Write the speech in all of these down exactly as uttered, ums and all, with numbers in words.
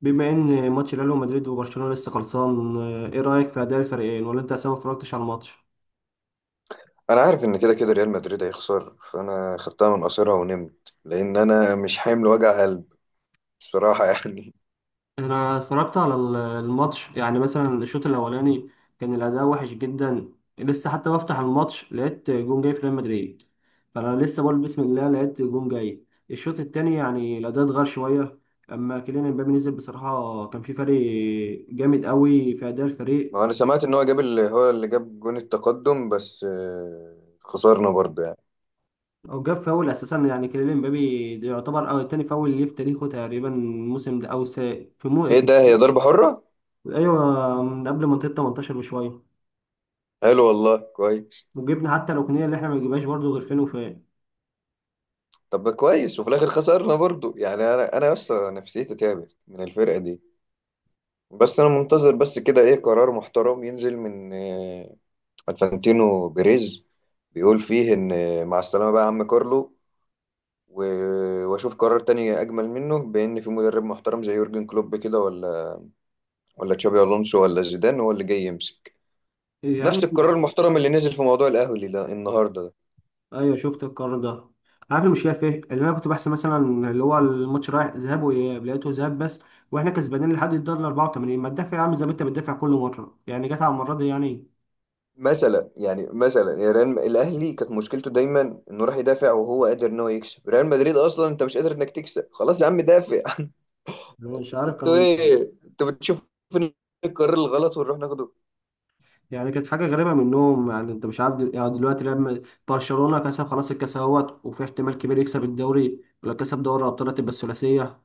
بما ان ماتش ريال مدريد وبرشلونه لسه خلصان، آه، ايه رايك في اداء الفريقين ولا انت اصلا ما اتفرجتش على الماتش؟ انا عارف ان كده كده ريال مدريد هيخسر، فانا خدتها من قصيرها ونمت لان انا مش حامل وجع قلب. بصراحه يعني. انا اتفرجت على ال- الماتش، يعني مثلا الشوط الاولاني كان الاداء وحش جدا. لسه حتى بفتح الماتش لقيت جون جاي في ريال مدريد، فانا لسه بقول بسم الله لقيت جون جاي. الشوط التاني يعني الاداء اتغير شويه، اما كيليان امبابي نزل بصراحه كان في فرق جامد قوي في اداء الفريق. ما انا سمعت ان هو جاب اللي هو اللي جاب جون التقدم، بس آه، خسرنا برضه يعني. وجاب فاول اساسا، يعني كيليان امبابي ده يعتبر أو تاني فاول ليه في تاريخه تقريبا الموسم ده، او س... في مو ايه في ده؟ هي ضربه حره. ايوه، من قبل منطقه تمنتاشر بشويه. حلو والله، كويس. وجبنا حتى الركنيه اللي احنا ما نجيبهاش برضه غير فين وفين. طب كويس، وفي الاخر خسرنا برضه يعني. انا انا اصلا نفسيتي تعبت من الفرقه دي. بس انا منتظر بس كده ايه قرار محترم ينزل من آه، الفانتينو بيريز، بيقول فيه ان آه، مع السلامه بقى يا عم كارلو. و- واشوف قرار تاني اجمل منه، بان في مدرب محترم زي يورجن كلوب كده، ولا ولا تشابي الونسو ولا زيدان هو اللي جاي يمسك. يا نفس عم، القرار المحترم اللي نزل في موضوع الاهلي ده النهارده ده. ايوه شفت القرار ده. عارف المشكله في ايه؟ اللي انا كنت بحسب مثلا اللي هو الماتش رايح ذهاب واياب، لقيته ذهاب بس. واحنا كسبانين لحد الدقيقه اربعه وتمانين، ما تدافع يا عم زي ما انت بتدافع كل مره، يعني جت على المره دي يعني. مثلا يعني مثلا يا ريال، الاهلي كانت مشكلته دايما انه راح يدافع وهو قادر ان هو يكسب، ريال مدريد اصلا انت مش قادر انك تكسب، خلاص يا عم دافع. أنا مش عارف انتوا كان. ايه انتوا بتشوفوا فين القرار الغلط ونروح ناخده؟ يعني كانت حاجة غريبة منهم، يعني انت مش عارف دل- يعني دلوقتي لما برشلونة كسب خلاص الكاس اهوت وفي احتمال كبير يكسب الدوري، ولو كسب دوري ابطال هتبقى الثلاثية.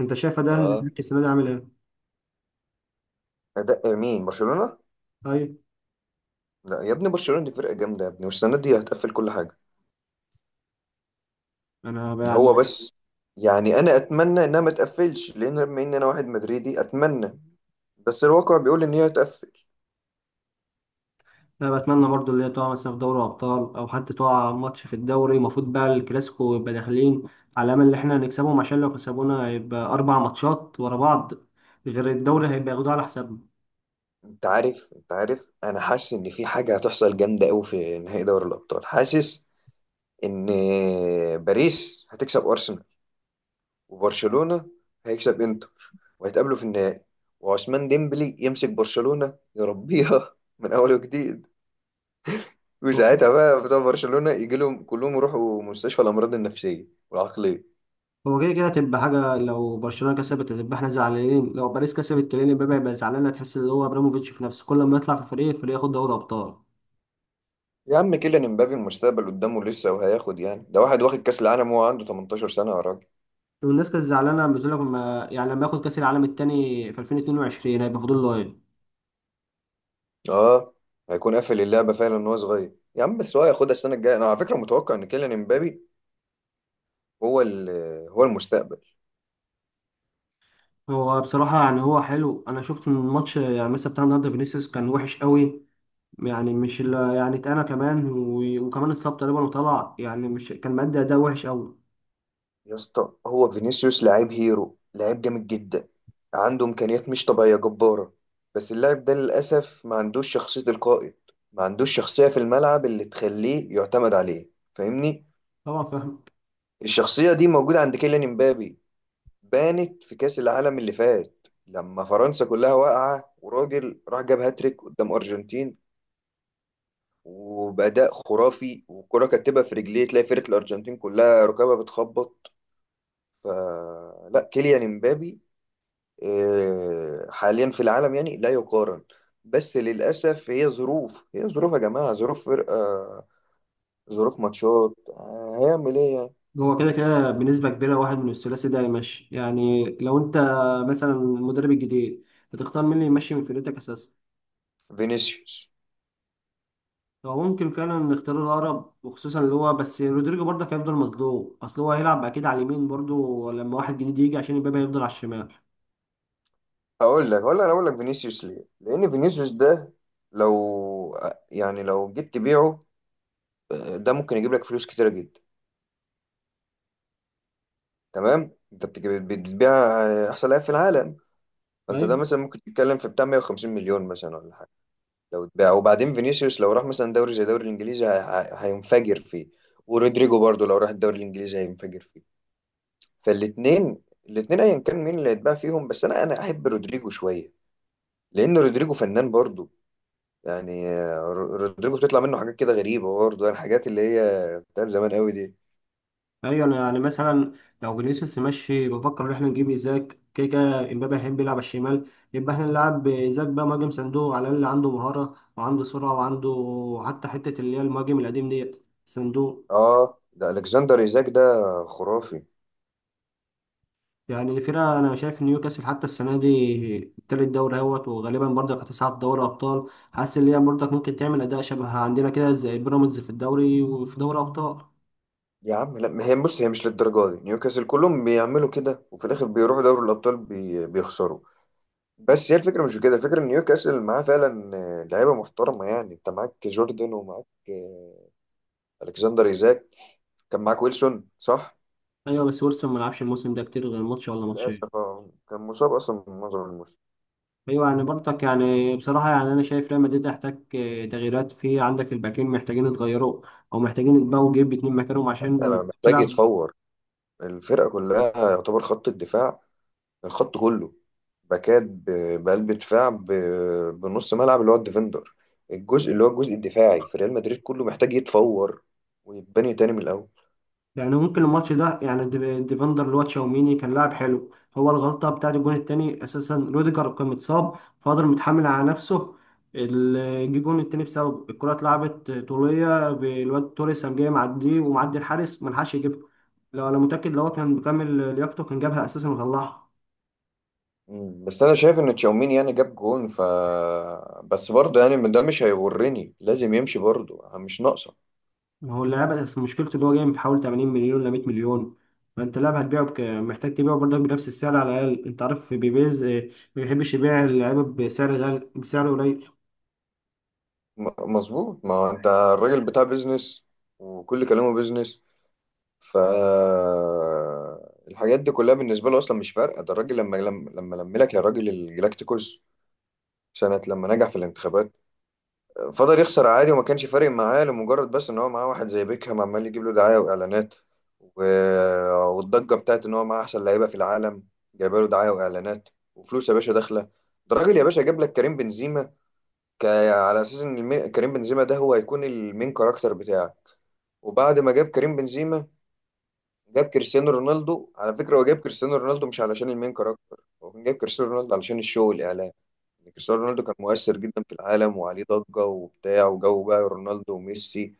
انت شايف ده هانز اه، فليك السنة دي عامل ايه؟ ده مين برشلونة؟ ايوه. لا يا ابني، برشلونة دي فرقة جامدة يا ابني، والسنة دي هتقفل كل حاجة. انا ب- يعني، هو بس يعني انا اتمنى انها ما تقفلش، لان بما ان انا واحد مدريدي اتمنى. بس الواقع بيقول ان هي تقفل. انا بتمنى برضو اللي هي تقع مثلا في دوري ابطال او حتى تقع ماتش في الدوري، المفروض بقى الكلاسيكو يبقى داخلين على امل ان احنا نكسبهم، عشان لو كسبونا هيبقى اربع ماتشات ورا بعض، غير الدوري هيبقى ياخدوه على حسابنا. انت عارف انت عارف انا حاسس ان في حاجه هتحصل جامده قوي في نهائي دوري الابطال، حاسس ان باريس هتكسب ارسنال، وبرشلونه هيكسب انتر، وهيتقابلوا في النهائي. وعثمان ديمبلي يمسك برشلونه يربيها من اول وجديد، وساعتها بقى بتوع برشلونه يجي لهم كلهم يروحوا مستشفى الامراض النفسيه والعقليه. هو كده كده هتبقى حاجة، لو برشلونة كسبت هتبقى احنا زعلانين، لو باريس كسبت كيليان امبابي هيبقى زعلان، هتحس ان هو ابراموفيتش في نفسه كل ما يطلع في فريق الفريق ياخد دوري ابطال. يا عم، كيليان امبابي المستقبل قدامه لسه، وهياخد يعني ده واحد واخد كاس العالم وهو عنده 18 سنه يا راجل. والناس كانت زعلانة بتقول لك ما يعني لما ياخد كأس العالم التاني في الفين واتنين وعشرين هيبقى فاضل له ايه؟ اه، هيكون قافل اللعبه فعلا ان هو صغير يا عم، بس هو هياخدها السنه الجايه. انا على فكره متوقع ان كيليان امبابي هو ال- هو المستقبل. هو بصراحة يعني هو حلو. انا شفت من الماتش يعني مثلا بتاع النهارده فينيسيوس كان وحش قوي، يعني مش اللي يعني اتقنا كمان، و- وكمان اتصاب تقريبا وطلع، يعني مش كان مادي، اداء وحش قوي. يا اسطى، هو فينيسيوس لعيب هيرو، لعيب جامد جدا. عنده امكانيات مش طبيعيه جباره. بس اللاعب ده للاسف ما عندوش شخصيه القائد. ما عندوش شخصيه في الملعب اللي تخليه يعتمد عليه، فاهمني؟ طبعا فاهم. الشخصيه دي موجوده عند كيليان امبابي، بانت في كأس العالم اللي فات لما فرنسا كلها واقعة وراجل راح جاب هاتريك قدام أرجنتين، وبأداء خرافي والكرة كاتبة في رجليه، تلاقي فرقة الأرجنتين كلها ركابها بتخبط. فلا، كيليان امبابي آه، حاليا في العالم يعني لا يقارن. بس للأسف هي ظروف، هي ظروف يا جماعة، ظروف فرقة، ظروف ماتشات، آه، هيعمل ايه يعني. هو كده كده بنسبة كبيرة واحد من الثلاثي ده يمشي. يعني لو انت مثلا المدرب الجديد، هتختار مين اللي يمشي من فرقتك اساسا؟ فينيسيوس. هو ممكن فعلا نختار الاقرب، وخصوصا اللي هو بس رودريجو برضه هيفضل مظلوم، اصل هو هيلعب اكيد على اليمين برضه لما واحد جديد يجي، عشان امبابي هيفضل على الشمال. هقول لك هقول لك انا اقول لك فينيسيوس ليه، لان فينيسيوس ده لو، يعني لو جيت تبيعه، آه، ده ممكن يجيب لك فلوس كتيره جدا. تمام، انت بتجيب- بتبيع آه، احسن لاعب في العالم. فانت ده مثلا ممكن تتكلم في بتاع 150 مليون مثلا ولا حاجه لو اتباع. وبعدين فينيسيوس لو راح مثلا دوري زي الدوري الانجليزي هي- هي- هينفجر فيه، ورودريجو برضو لو راح الدوري الانجليزي هينفجر فيه. فالاثنين الاثنين ايا كان مين اللي هيتباع فيهم، بس انا انا احب رودريجو شويه، لان رودريجو فنان برضو. يعني آه، رودريجو بتطلع منه حاجات كده غريبة برضه، يعني الحاجات اللي هي بتاعت زمان قوي دي. ايوه، انا يعني مثلا لو فينيسيوس ماشي، بفكر ان احنا نجيب ايزاك، كده كده امبابي هيحب يلعب على الشمال، يبقى احنا نلعب ايزاك بقى مهاجم صندوق، على الاقل عنده مهاره وعنده سرعه وعنده حتى حته اللي هي المهاجم القديم ديت صندوق. اه، ده الكسندر ايزاك ده، خرافي. يعني فرقه انا شايف ان نيوكاسل حتى السنه دي التالت دوري اهوت، وغالبا برضك هتصعد دوري ابطال. حاسس ان هي برضك ممكن تعمل اداء شبه عندنا كده زي بيراميدز في الدوري وفي دوري ابطال. يا عم لا، ما هي بص، هي مش للدرجة دي، نيوكاسل كلهم بيعملوا كده وفي الاخر بيروحوا دوري الابطال بي... بيخسروا. بس هي الفكرة مش في كده، الفكرة ان نيوكاسل معاه فعلا آه، لعيبة محترمة، يعني انت معاك جوردن ومعاك آه، الكسندر ايزاك، كان معاك ويلسون، صح؟ ايوه، بس ويلسون ما لعبش الموسم ده كتير، غير ماتش ولا ماتشين. للاسف آه، كان مصاب اصلا من معظم الموسم. ايوه، يعني برضك يعني بصراحه، يعني انا شايف ريال مدريد يحتاج آه، تغييرات، في عندك الباكين محتاجين يتغيروا او محتاجين يتباعوا ويجيب اتنين مكانهم حتى عشان محتاج تلعب. يتفور الفرقة كلها، يعتبر خط الدفاع، الخط كله، باكات، ب- بقلب دفاع، ب- بنص ملعب اللي هو الديفندر. الجزء اللي هو الجزء الدفاعي في ريال مدريد كله محتاج يتفور ويتبني تاني من الاول. يعني ممكن الماتش ده، يعني ديف- ديفندر اللي هو تشاوميني كان لاعب حلو. هو الغلطه بتاعت الجون التاني اساسا روديجر كان متصاب، فقدر متحمل على نفسه. ال- جه الجون التاني بسبب الكره اتلعبت طوليه بالواد توريس قام جاي معديه ومعدي الحارس، ملحقش يجيبها. لو انا متاكد لو هو كان مكمل لياقته كان جابها اساسا وطلعها. مم. بس انا شايف ان تشاوميني يعني جاب جون، ف، بس برضه يعني ده مش هيغرني، لازم يمشي برضه، مش ناقصه. ما هو اللاعب، بس مشكلته ان هو جاي بحوالي تمانين مليون ل مية مليون. فانت لاعب هتبيعه بك... محتاج تبيعه برضك بنفس السعر على الاقل. انت عارف بيبيز آه، ما بيحبش يبيع اللعيبه بسعر غالي بسعر قليل. م- مظبوط، ما هو انت الراجل بتاع بيزنس وكل كلامه بيزنس، ف، الحاجات دي كلها بالنسبه له اصلا مش فارقه. ده الراجل لما لما لما لم لك يا راجل الجلاكتيكوس سنة لما نجح في الانتخابات، فضل يخسر عادي وما كانش فارق معاه، لمجرد بس ان هو معاه واحد زي بيكهام عمال يجيب له دعاية واعلانات، و... والضجة بتاعت ان هو معاه احسن لعيبة في العالم، جايبه له دعاية واعلانات، وفلوس يا باشا داخلة. ده راجل يا باشا جاب لك كريم بنزيما، ك... على اساس ان المي... كريم بنزيما ده هو هيكون المين كاركتر بتاعك. وبعد ما جاب كريم بنزيما جاب كريستيانو رونالدو. على فكرة هو جاب كريستيانو رونالدو مش علشان المين كاركتر، هو كان جاب كريستيانو رونالدو علشان الشو والإعلام. يعني كريستيانو رونالدو كان مؤثر جدا في العالم وعليه ضجة وبتاع، وجو بقى رونالدو وميسي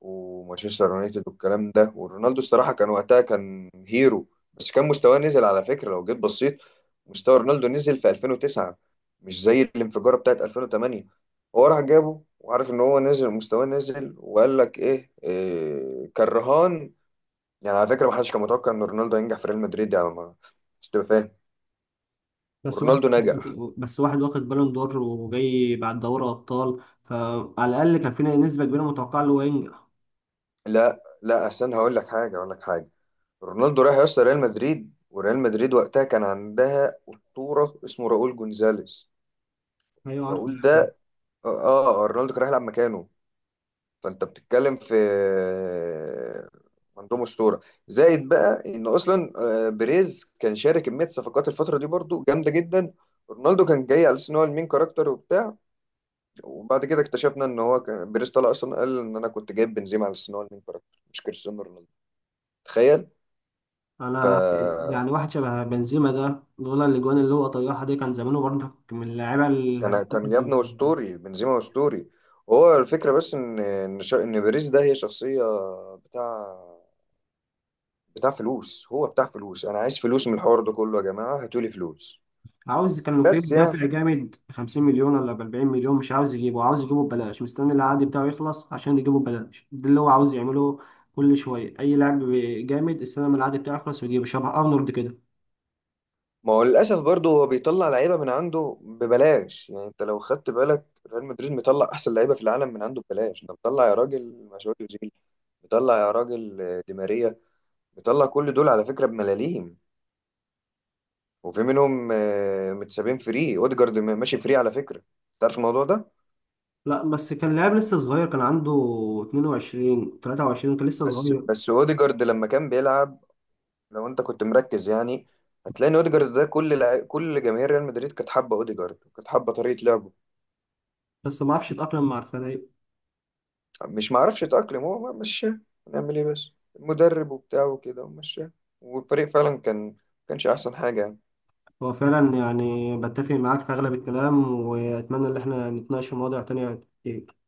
ومانشستر يونايتد والكلام ده، ورونالدو الصراحة كان وقتها كان هيرو. بس كان مستواه نزل، على فكرة لو جيت بصيت مستوى رونالدو نزل في ألفين وتسعة، مش زي الانفجارة بتاعت الفين وتمانيه. هو راح جابه وعارف ان هو نزل مستواه نزل، وقال لك ايه, إيه كان رهان. يعني على فكرة ما حدش كان متوقع إن رونالدو ينجح في ريال مدريد، يعني ما، مش تبقى فاهم؟ بس واحد ورونالدو نجح. بس واحد واخد بالون دور وجاي بعد دوري ابطال، فعلى الاقل كان في نسبه كبيره متوقعه ان هو ينجح. لا، لا، أستنى، هقول لك حاجة هقول لك حاجة رونالدو راح يوصل ريال مدريد، وريال مدريد وقتها كان عندها أسطورة اسمه راؤول جونزاليس. ايوه عارف راؤول اللاعب ده. ده، آه. آه، رونالدو كان رايح يلعب مكانه. فأنت بتتكلم في، عندهم أسطورة، زائد بقى إن أصلا آه، بيريز كان شارك كمية صفقات الفترة دي برضو جامدة جدا. رونالدو كان جاي على أساس إن هو المين كاركتر وبتاع. وبعد كده اكتشفنا ان هو كان بيريز طلع اصلا قال ان انا كنت جايب بنزيما على السنه المين كاركتر، مش كريستيانو رونالدو. تخيل. ف، انا يعني واحد شبه بنزيما ده لولا الاجوان اللي هو طيحها دي كان زمانه برضك من اللعيبه الهداف. كان كان جابنا اسطوري بنزيما، اسطوري. هو الفكره بس ان ان شا- ان بيريز ده هي شخصيه، بتاع بتاع فلوس. هو بتاع فلوس، انا عايز فلوس من الحوار ده كله يا جماعه، هاتولي فلوس. عاوز، كان لو في بس يعني دافع جامد ب خمسين مليون ولا ب اربعين مليون مش عاوز يجيبه، عاوز يجيبه ببلاش، مستني العقد بتاعه يخلص عشان يجيبه ببلاش. ده اللي هو عاوز يعمله. كل شويه اي لاعب جامد استنى ما العقد بتاعه يخلص ويجيبه، شبه ارنولد كده. ما هو للاسف برضه هو بيطلع لعيبه من عنده ببلاش، يعني انت لو خدت بالك ريال مدريد مطلع احسن لعيبه في العالم من عنده ببلاش، ده مطلع يا راجل مشاوير، مطلع يا راجل آه، دي ماريا، مطلع كل دول على فكرة بملاليم. وفي منهم آه، متسابين فري، اوديجارد م- ماشي فري على فكرة، تعرف الموضوع ده؟ لا بس كان لاعب لسه صغير، كان عنده اتنين وعشرين تلاته وعشرين، كان لسه بس صغير بس اوديجارد لما كان بيلعب، لو انت كنت مركز يعني هتلاقي ان اوديجارد ده كل لع... كل جماهير ريال مدريد كانت حابة اوديجارد، وكانت حابة طريقة لعبه. بس ما عرفش يتأقلم مع الفريق. مش معرفش يتأقلم، هو ما- مشاه. نعمل ايه بس؟ المدرب وبتاعه وكده ومشاه، والفريق فعلا كان كانش احسن حاجة يعني. هو فعلا يعني بتفق معاك في اغلب الكلام، واتمنى ان احنا نتناقش في مواضيع تانية كتير.